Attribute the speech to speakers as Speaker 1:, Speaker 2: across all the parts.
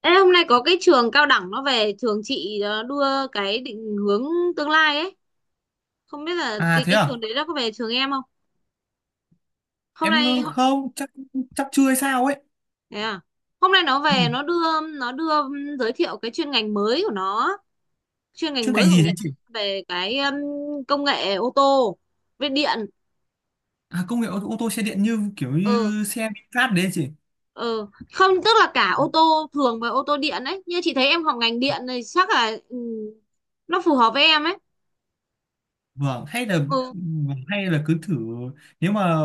Speaker 1: Ê, hôm nay có cái trường cao đẳng nó về trường chị đưa cái định hướng tương lai ấy. Không biết là
Speaker 2: À
Speaker 1: cái
Speaker 2: thế
Speaker 1: cái
Speaker 2: à?
Speaker 1: trường đấy nó có về trường em không. hôm
Speaker 2: Em
Speaker 1: nay ho-
Speaker 2: không, chắc chắc chưa hay sao ấy.
Speaker 1: Thế à? Hôm nay nó
Speaker 2: Ừ,
Speaker 1: về nó đưa giới thiệu cái chuyên ngành mới của nó, chuyên ngành
Speaker 2: chuyên
Speaker 1: mới
Speaker 2: ngành
Speaker 1: của
Speaker 2: gì thế
Speaker 1: người ta,
Speaker 2: chị?
Speaker 1: về cái công nghệ ô tô, về điện.
Speaker 2: À công nghệ ô tô xe điện như kiểu
Speaker 1: Ừ,
Speaker 2: như xe VinFast đấy chị.
Speaker 1: ừ, không, tức là cả ô tô thường và ô tô điện ấy. Như chị thấy em học ngành điện này chắc là nó phù hợp với em ấy.
Speaker 2: Vâng, hay là
Speaker 1: Ừ.
Speaker 2: vâng, hay là cứ thử nếu mà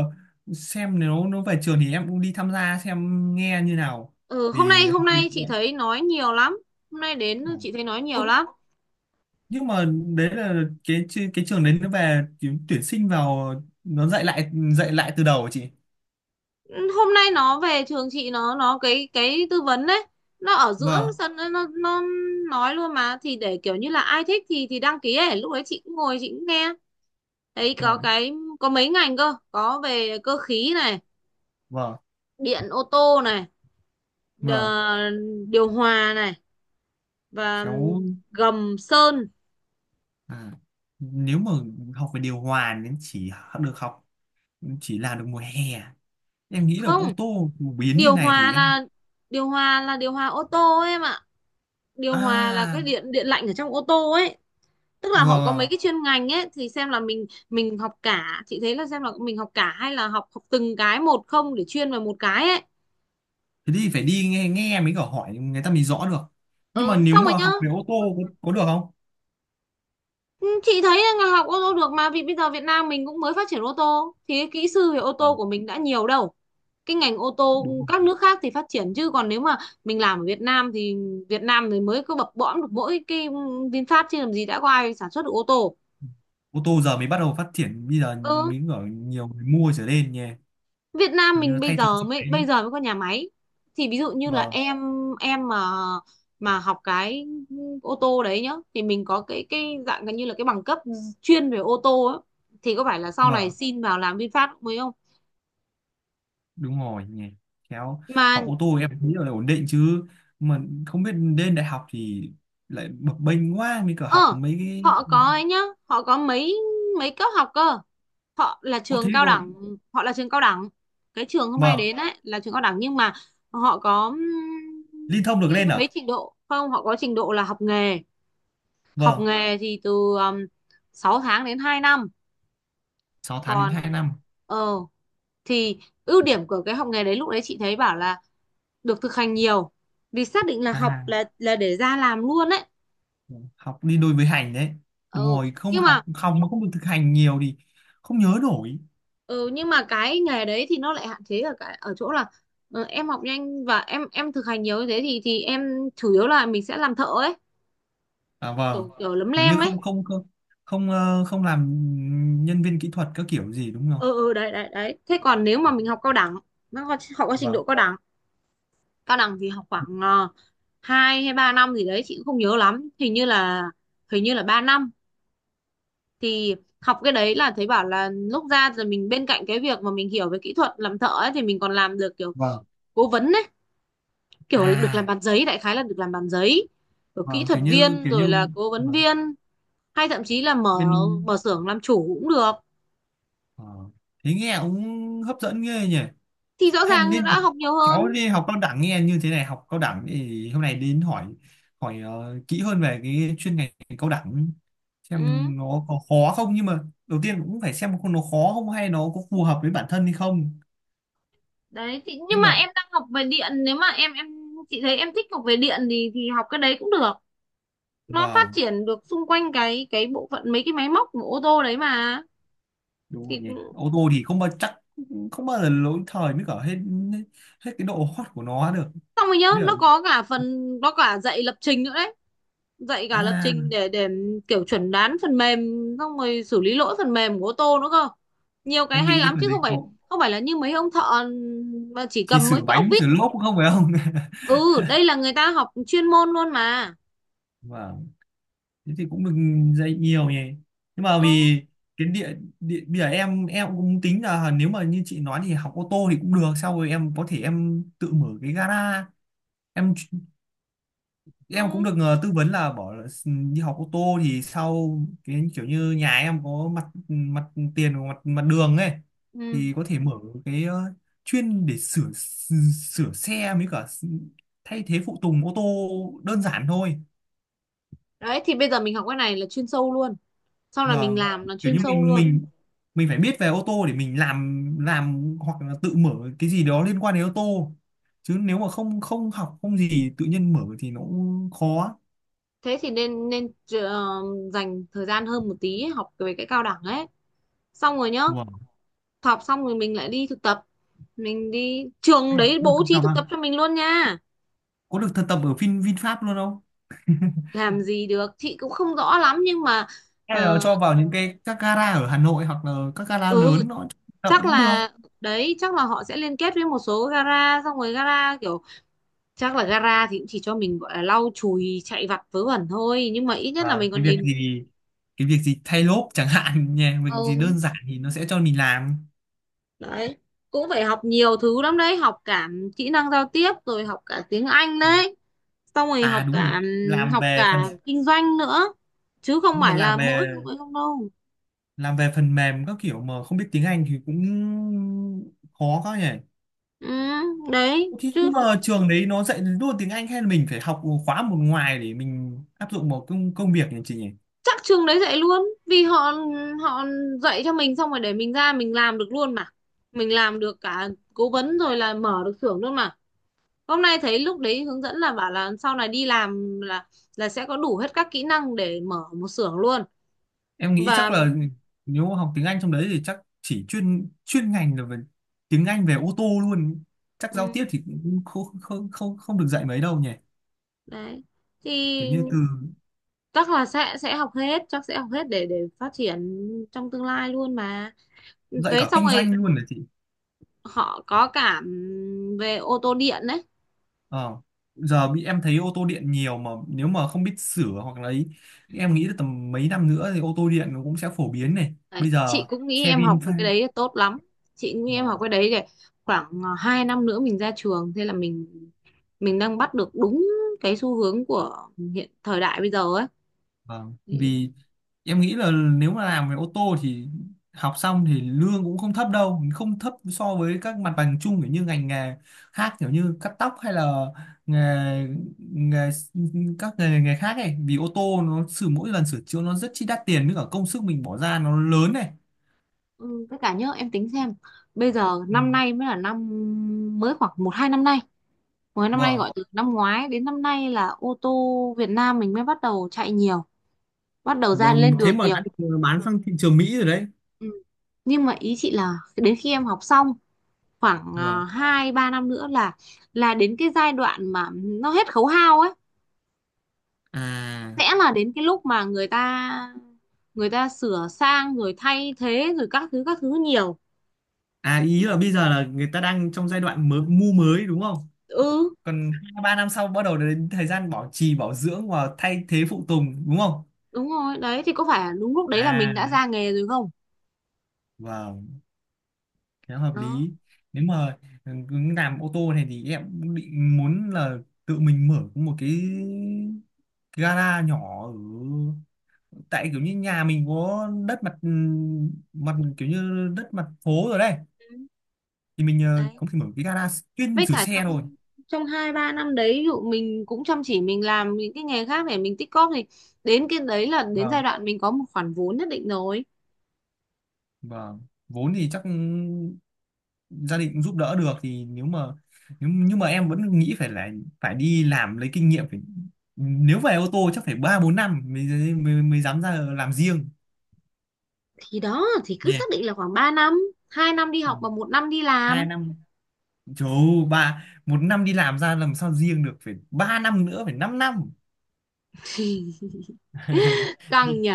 Speaker 2: xem nếu nó về trường thì em cũng đi tham gia xem nghe như nào
Speaker 1: Ừ, hôm nay
Speaker 2: vì
Speaker 1: hôm
Speaker 2: học điện
Speaker 1: nay chị
Speaker 2: em.
Speaker 1: thấy nói nhiều lắm. Hôm nay đến
Speaker 2: Vâng.
Speaker 1: chị thấy nói nhiều
Speaker 2: Ủa,
Speaker 1: lắm.
Speaker 2: nhưng mà đấy là cái cái trường đấy nó về tuyển tuyển sinh vào nó dạy lại từ đầu hả chị?
Speaker 1: Ừ, hôm nay nó về trường chị, nó cái tư vấn đấy. Nó ở giữa
Speaker 2: Vâng,
Speaker 1: sân nó nói luôn mà, thì để kiểu như là ai thích thì đăng ký ấy. Lúc đấy chị cũng ngồi, chị cũng nghe. Thấy
Speaker 2: vâng,
Speaker 1: có mấy ngành cơ, có về cơ khí này,
Speaker 2: vâng,
Speaker 1: điện ô tô này,
Speaker 2: vâng.
Speaker 1: đờ- điều hòa này, và
Speaker 2: Khéo
Speaker 1: gầm sơn.
Speaker 2: à, nếu mà học về điều hòa nên được học chỉ làm được mùa hè à? Em nghĩ là
Speaker 1: Không,
Speaker 2: ô tô phổ biến như
Speaker 1: điều
Speaker 2: này
Speaker 1: hòa
Speaker 2: thì em
Speaker 1: là điều hòa là điều hòa ô tô ấy em ạ. Điều hòa là cái
Speaker 2: à
Speaker 1: điện điện lạnh ở trong ô tô ấy. Tức là họ có
Speaker 2: ờ,
Speaker 1: mấy cái chuyên ngành ấy thì xem là mình học cả, chị thấy là xem là mình học cả hay là học học từng cái một, không để chuyên vào một cái ấy.
Speaker 2: thế thì phải đi nghe nghe mới có hỏi người ta mới rõ được, nhưng mà
Speaker 1: Ờ
Speaker 2: nếu
Speaker 1: Xong rồi
Speaker 2: mà
Speaker 1: nhá.
Speaker 2: học về ô tô có được không?
Speaker 1: Ừ, chị thấy là ngành học ô tô được mà, vì bây giờ Việt Nam mình cũng mới phát triển ô tô thì cái kỹ sư về ô
Speaker 2: Ờ,
Speaker 1: tô của mình đã nhiều đâu. Cái ngành ô tô
Speaker 2: đúng
Speaker 1: các
Speaker 2: rồi.
Speaker 1: nước khác thì phát triển, chứ còn nếu mà mình làm ở Việt Nam thì mới có bập bõm được mỗi cái VinFast, chứ làm gì đã có ai sản xuất được ô tô.
Speaker 2: Ô tô giờ mới bắt đầu phát triển, bây giờ
Speaker 1: Ừ,
Speaker 2: mới ở nhiều người mua trở lên nhỉ.
Speaker 1: Việt Nam
Speaker 2: Như
Speaker 1: mình
Speaker 2: nó
Speaker 1: bây
Speaker 2: thay thế
Speaker 1: giờ
Speaker 2: xe
Speaker 1: mới
Speaker 2: máy.
Speaker 1: bây giờ mới có nhà máy. Thì ví dụ như là
Speaker 2: Vâng,
Speaker 1: em mà học cái ô tô đấy nhá, thì mình có cái dạng gần như là cái bằng cấp chuyên về ô tô ấy. Thì có phải là sau này
Speaker 2: vâng.
Speaker 1: xin vào làm VinFast cũng mới không
Speaker 2: Đúng rồi nhỉ. Khéo
Speaker 1: mà.
Speaker 2: học ô tô em nghĩ là ổn định chứ, mà không biết lên đại học thì lại bập bênh quá mới cả học
Speaker 1: ờ
Speaker 2: mấy cái.
Speaker 1: Họ có ấy nhá, họ có mấy mấy cấp học cơ. Họ là
Speaker 2: Ô thế
Speaker 1: trường cao
Speaker 2: cô.
Speaker 1: đẳng, họ là trường cao đẳng cái trường hôm nay
Speaker 2: Vâng,
Speaker 1: đến ấy là trường cao đẳng, nhưng mà họ có
Speaker 2: liên thông được
Speaker 1: cái
Speaker 2: lên à?
Speaker 1: mấy trình độ không. Họ có trình độ là học nghề. Học
Speaker 2: Vâng,
Speaker 1: nghề thì từ um, 6 tháng đến 2 năm.
Speaker 2: sáu tháng đến hai
Speaker 1: Còn
Speaker 2: năm
Speaker 1: ờ thì ưu điểm của cái học nghề đấy, lúc đấy chị thấy bảo là được thực hành nhiều, vì xác định là học
Speaker 2: À,
Speaker 1: là để ra làm luôn đấy.
Speaker 2: học đi đôi với hành đấy.
Speaker 1: ờ
Speaker 2: Đúng rồi, không
Speaker 1: nhưng
Speaker 2: học
Speaker 1: mà
Speaker 2: học mà không được thực hành nhiều thì không nhớ nổi.
Speaker 1: ừ, nhưng mà cái nghề đấy thì nó lại hạn chế ở cái, ở chỗ là em học nhanh và em thực hành nhiều như thế thì em chủ yếu là mình sẽ làm thợ ấy,
Speaker 2: À, vâng,
Speaker 1: kiểu kiểu lấm
Speaker 2: kiểu như
Speaker 1: lem ấy.
Speaker 2: không, không, không, không không làm nhân viên kỹ thuật các kiểu gì đúng không?
Speaker 1: Ừ, ừ, đấy, đấy, đấy. Thế còn nếu mà mình học cao đẳng, nó có trình
Speaker 2: Vâng,
Speaker 1: độ cao đẳng. Cao đẳng thì học khoảng hai hay ba năm gì đấy, chị cũng không nhớ lắm, hình như là 3 năm. Thì học cái đấy là thấy bảo là lúc ra rồi, mình bên cạnh cái việc mà mình hiểu về kỹ thuật làm thợ ấy, thì mình còn làm được kiểu
Speaker 2: vâng.
Speaker 1: cố vấn ấy, kiểu là được làm
Speaker 2: À
Speaker 1: bàn giấy, đại khái là được làm bàn giấy rồi kỹ
Speaker 2: vâng,
Speaker 1: thuật
Speaker 2: kiểu như
Speaker 1: viên
Speaker 2: kiểu
Speaker 1: rồi
Speaker 2: như
Speaker 1: là cố vấn
Speaker 2: vâng.
Speaker 1: viên, hay thậm chí là mở
Speaker 2: Bên.
Speaker 1: mở xưởng làm chủ cũng được.
Speaker 2: Ờ. Thế nghe cũng hấp dẫn ghê nhỉ.
Speaker 1: Thì rõ
Speaker 2: Hay
Speaker 1: ràng
Speaker 2: nên
Speaker 1: đã
Speaker 2: học,
Speaker 1: học nhiều hơn.
Speaker 2: kéo đi học cao đẳng, nghe như thế này học cao đẳng thì hôm nay đến hỏi hỏi kỹ hơn về cái chuyên ngành cao đẳng,
Speaker 1: Ừ.
Speaker 2: xem nó có khó không. Nhưng mà đầu tiên cũng phải xem nó khó không hay nó có phù hợp với bản thân hay không.
Speaker 1: Đấy, thì nhưng
Speaker 2: Nhưng
Speaker 1: mà
Speaker 2: mà
Speaker 1: em đang học về điện, nếu mà em chị thấy em thích học về điện thì học cái đấy cũng được, nó phát
Speaker 2: vâng,
Speaker 1: triển được xung quanh cái bộ phận mấy cái máy móc của ô tô đấy mà.
Speaker 2: đúng rồi
Speaker 1: thì
Speaker 2: nhỉ.
Speaker 1: cũng-
Speaker 2: Ô tô thì không bao giờ lỗi thời mới cả hết hết cái độ hot của nó được.
Speaker 1: Xong rồi nhớ
Speaker 2: Mới
Speaker 1: nó
Speaker 2: cả-
Speaker 1: có cả phần, nó cả dạy lập trình nữa đấy. Dạy cả lập
Speaker 2: à
Speaker 1: trình để kiểu chuẩn đoán phần mềm, xong rồi xử lý lỗi phần mềm của ô tô nữa cơ. Nhiều cái
Speaker 2: em
Speaker 1: hay
Speaker 2: nghĩ cái
Speaker 1: lắm
Speaker 2: phần
Speaker 1: chứ
Speaker 2: đấy
Speaker 1: không
Speaker 2: khó,
Speaker 1: phải, không phải là như mấy ông thợ mà chỉ
Speaker 2: chỉ
Speaker 1: cầm
Speaker 2: sửa
Speaker 1: mấy cái ốc
Speaker 2: bánh
Speaker 1: vít.
Speaker 2: sửa lốp cũng không phải không?
Speaker 1: Ừ, đây là người ta học chuyên môn luôn mà.
Speaker 2: Vâng, thế thì cũng được, dạy nhiều nhỉ. Nhưng mà
Speaker 1: Ừ.
Speaker 2: vì cái địa bây giờ em cũng tính là nếu mà như chị nói thì học ô tô thì cũng được, sau rồi em có thể em tự mở cái gara. Em em cũng
Speaker 1: Ừ.
Speaker 2: được tư vấn là bỏ là s- đi học ô tô thì sau cái kiểu như nhà em có mặt mặt tiền và mặt mặt đường ấy,
Speaker 1: ừ.
Speaker 2: thì có thể mở cái chuyên để sửa sửa xe với cả thay thế phụ tùng ô tô đơn giản thôi.
Speaker 1: Đấy, thì bây giờ mình học cái này là chuyên sâu luôn, sau này mình
Speaker 2: Vâng,
Speaker 1: làm là
Speaker 2: kiểu
Speaker 1: chuyên
Speaker 2: như
Speaker 1: sâu
Speaker 2: mình
Speaker 1: luôn.
Speaker 2: mình mình phải biết về ô tô để mình làm hoặc là tự mở cái gì đó liên quan đến ô tô. Chứ nếu mà không không học không gì tự nhiên mở thì nó cũng khó.
Speaker 1: Thế thì nên nên dành thời gian hơn một tí ấy, học về cái cao đẳng ấy. Xong rồi nhá,
Speaker 2: Wow.
Speaker 1: học xong rồi mình lại đi thực tập, mình đi trường
Speaker 2: À,
Speaker 1: đấy
Speaker 2: được
Speaker 1: bố
Speaker 2: thực
Speaker 1: trí
Speaker 2: tập
Speaker 1: thực
Speaker 2: à?
Speaker 1: tập cho mình luôn nha.
Speaker 2: Có được thực tập ở VinFast luôn không?
Speaker 1: Làm gì được chị cũng không rõ lắm, nhưng mà
Speaker 2: Hay là
Speaker 1: ờ,
Speaker 2: cho vào những cái các gara ở Hà Nội hoặc là các gara
Speaker 1: ừ,
Speaker 2: lớn nó cho thực tập
Speaker 1: chắc
Speaker 2: cũng được.
Speaker 1: là, đấy chắc là họ sẽ liên kết với một số gara, xong rồi gara kiểu, chắc là gara thì cũng chỉ cho mình gọi là lau chùi chạy vặt vớ vẩn thôi, nhưng mà ít nhất là
Speaker 2: Và
Speaker 1: mình còn
Speaker 2: cái việc
Speaker 1: nhìn.
Speaker 2: gì cái việc gì thay lốp chẳng hạn nhé, việc gì
Speaker 1: Ừ,
Speaker 2: đơn giản thì nó sẽ cho mình làm.
Speaker 1: đấy, cũng phải học nhiều thứ lắm đấy, học cả kỹ năng giao tiếp rồi học cả tiếng Anh
Speaker 2: Ừ.
Speaker 1: đấy, xong rồi
Speaker 2: À
Speaker 1: học
Speaker 2: đúng rồi,
Speaker 1: cả
Speaker 2: làm
Speaker 1: học
Speaker 2: về phần,
Speaker 1: cả kinh doanh nữa, chứ không
Speaker 2: nhưng mà
Speaker 1: phải là
Speaker 2: làm
Speaker 1: mỗi
Speaker 2: về
Speaker 1: không không đâu.
Speaker 2: làm về phần mềm các kiểu mà không biết tiếng Anh thì cũng khó quá nhỉ.
Speaker 1: Ừ, đấy
Speaker 2: Thì
Speaker 1: chứ.
Speaker 2: nhưng mà trường đấy nó dạy luôn tiếng Anh hay là mình phải học khóa một ngoài để mình áp dụng vào công công việc nhỉ chị nhỉ?
Speaker 1: Chắc trường đấy dạy luôn, vì họ họ dạy cho mình xong rồi để mình ra mình làm được luôn mà. Mình làm được cả cố vấn rồi là mở được xưởng luôn mà. Hôm nay thấy lúc đấy hướng dẫn là bảo là sau này đi làm là sẽ có đủ hết các kỹ năng để mở một xưởng luôn.
Speaker 2: Em nghĩ chắc
Speaker 1: Và
Speaker 2: là nếu mà học tiếng Anh trong đấy thì chắc chỉ chuyên chuyên ngành là về tiếng Anh về ô tô luôn, chắc giao
Speaker 1: ừ,
Speaker 2: tiếp thì cũng không không không không được dạy mấy đâu nhỉ.
Speaker 1: đấy thì
Speaker 2: Kiểu như từ
Speaker 1: chắc là sẽ học hết, chắc sẽ học hết để phát triển trong tương lai luôn mà.
Speaker 2: dạy
Speaker 1: Đấy,
Speaker 2: cả
Speaker 1: xong
Speaker 2: kinh
Speaker 1: rồi
Speaker 2: doanh luôn là chị.
Speaker 1: họ có cả về ô tô điện đấy.
Speaker 2: Ờ, giờ bị em thấy ô tô điện nhiều, mà nếu mà không biết sửa hoặc là ấy, em nghĩ là tầm mấy năm nữa thì ô tô điện nó cũng sẽ phổ biến này
Speaker 1: Đấy,
Speaker 2: bây
Speaker 1: chị
Speaker 2: giờ.
Speaker 1: cũng nghĩ
Speaker 2: Xe
Speaker 1: em học
Speaker 2: Vin.
Speaker 1: về cái đấy là tốt lắm. Chị cũng nghĩ em học
Speaker 2: Vâng,
Speaker 1: cái đấy để khoảng 2 năm nữa mình ra trường, thế là mình đang bắt được đúng cái xu hướng của hiện thời đại bây giờ ấy.
Speaker 2: vâng.
Speaker 1: Thì,
Speaker 2: Vì em nghĩ là nếu mà làm về ô tô thì học xong thì lương cũng không thấp đâu, không thấp so với các mặt bằng chung kiểu như ngành nghề khác, kiểu như cắt tóc hay là nghề, nghề các nghề khác ấy, vì ô tô nó sửa mỗi lần sửa chữa nó rất chi đắt tiền với cả công sức mình bỏ ra nó lớn này.
Speaker 1: ừ, với cả nhớ em tính xem, bây giờ
Speaker 2: Ừ,
Speaker 1: năm nay mới là năm, mới khoảng một hai năm nay, mới năm nay,
Speaker 2: vâng.
Speaker 1: gọi từ năm ngoái đến năm nay là ô tô Việt Nam mình mới bắt đầu chạy nhiều, bắt đầu ra
Speaker 2: Vâng,
Speaker 1: lên
Speaker 2: thế
Speaker 1: đường
Speaker 2: mà đã
Speaker 1: nhiều.
Speaker 2: được bán sang thị trường Mỹ rồi đấy.
Speaker 1: Ừ. Nhưng mà ý chị là đến khi em học xong, khoảng
Speaker 2: Vâng.
Speaker 1: hai ba năm nữa là đến cái giai đoạn mà nó hết khấu hao ấy,
Speaker 2: À,
Speaker 1: sẽ là đến cái lúc mà người ta sửa sang rồi thay thế rồi các thứ nhiều.
Speaker 2: à ý là bây giờ là người ta đang trong giai đoạn mới, mới đúng không?
Speaker 1: Ừ,
Speaker 2: Còn 2 3 năm sau bắt đầu đến thời gian bảo trì, bảo dưỡng và thay thế phụ tùng đúng không?
Speaker 1: đúng rồi. Đấy thì có phải đúng lúc đấy là mình
Speaker 2: À,
Speaker 1: đã ra nghề rồi không.
Speaker 2: vâng, khá hợp
Speaker 1: Đó.
Speaker 2: lý. Nếu mà cứ làm ô tô này thì em cũng định muốn là tự mình mở một cái gara nhỏ, ở tại kiểu như nhà mình có đất mặt mặt, kiểu như đất mặt phố rồi đấy,
Speaker 1: Ừ,
Speaker 2: thì mình
Speaker 1: đấy,
Speaker 2: có thể mở cái gara chuyên
Speaker 1: với
Speaker 2: sửa
Speaker 1: cả
Speaker 2: xe
Speaker 1: trong
Speaker 2: thôi.
Speaker 1: trong hai ba năm đấy, ví dụ mình cũng chăm chỉ mình làm những cái nghề khác để mình tích cóp thì đến cái đấy là đến giai
Speaker 2: Vâng,
Speaker 1: đoạn mình có một khoản vốn nhất định rồi.
Speaker 2: vâng, vốn thì chắc gia đình cũng giúp đỡ được, thì nếu nhưng mà em vẫn nghĩ phải là phải đi làm lấy kinh nghiệm, phải, nếu về ô tô chắc phải 3-4 năm mới, mới mới dám ra làm riêng
Speaker 1: Thì đó, thì cứ
Speaker 2: nhỉ.
Speaker 1: xác định là khoảng 3 năm, 2 năm đi
Speaker 2: Ừ,
Speaker 1: học và 1 năm đi
Speaker 2: hai
Speaker 1: làm.
Speaker 2: năm trời ơi, ba một năm đi làm ra làm sao riêng được, phải 3 năm nữa, phải 5 năm.
Speaker 1: Căng
Speaker 2: Nhỉ?
Speaker 1: nhỉ.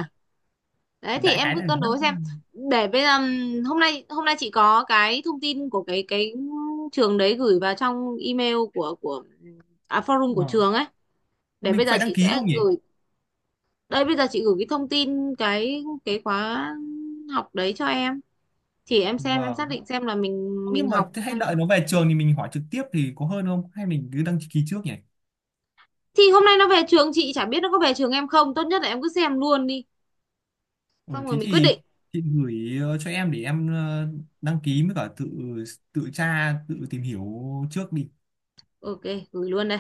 Speaker 1: Đấy, thì
Speaker 2: Đại
Speaker 1: em
Speaker 2: khái là
Speaker 1: cứ cân
Speaker 2: năm
Speaker 1: đối xem.
Speaker 2: năm
Speaker 1: Để bây giờ hôm nay chị có cái thông tin của cái trường đấy gửi vào trong email của forum của
Speaker 2: Ờ,
Speaker 1: trường ấy. Để
Speaker 2: mình
Speaker 1: bây
Speaker 2: có
Speaker 1: giờ
Speaker 2: phải đăng
Speaker 1: chị
Speaker 2: ký
Speaker 1: sẽ
Speaker 2: không nhỉ?
Speaker 1: gửi. Đây, bây giờ chị gửi cái thông tin cái khóa học đấy cho em, thì em xem em xác
Speaker 2: Vâng,
Speaker 1: định xem là mình
Speaker 2: nhưng
Speaker 1: mình
Speaker 2: mà
Speaker 1: học.
Speaker 2: thế hãy đợi nó về trường thì mình hỏi trực tiếp thì có hơn không, hay mình cứ đăng ký trước nhỉ?
Speaker 1: Thì hôm nay nó về trường chị, chả biết nó có về trường em không. Tốt nhất là em cứ xem luôn đi,
Speaker 2: Ừ,
Speaker 1: xong rồi
Speaker 2: thế
Speaker 1: mình quyết
Speaker 2: thì
Speaker 1: định.
Speaker 2: chị gửi cho em để em đăng ký, với cả tự tự tra tự tìm hiểu trước đi.
Speaker 1: OK, gửi luôn đây.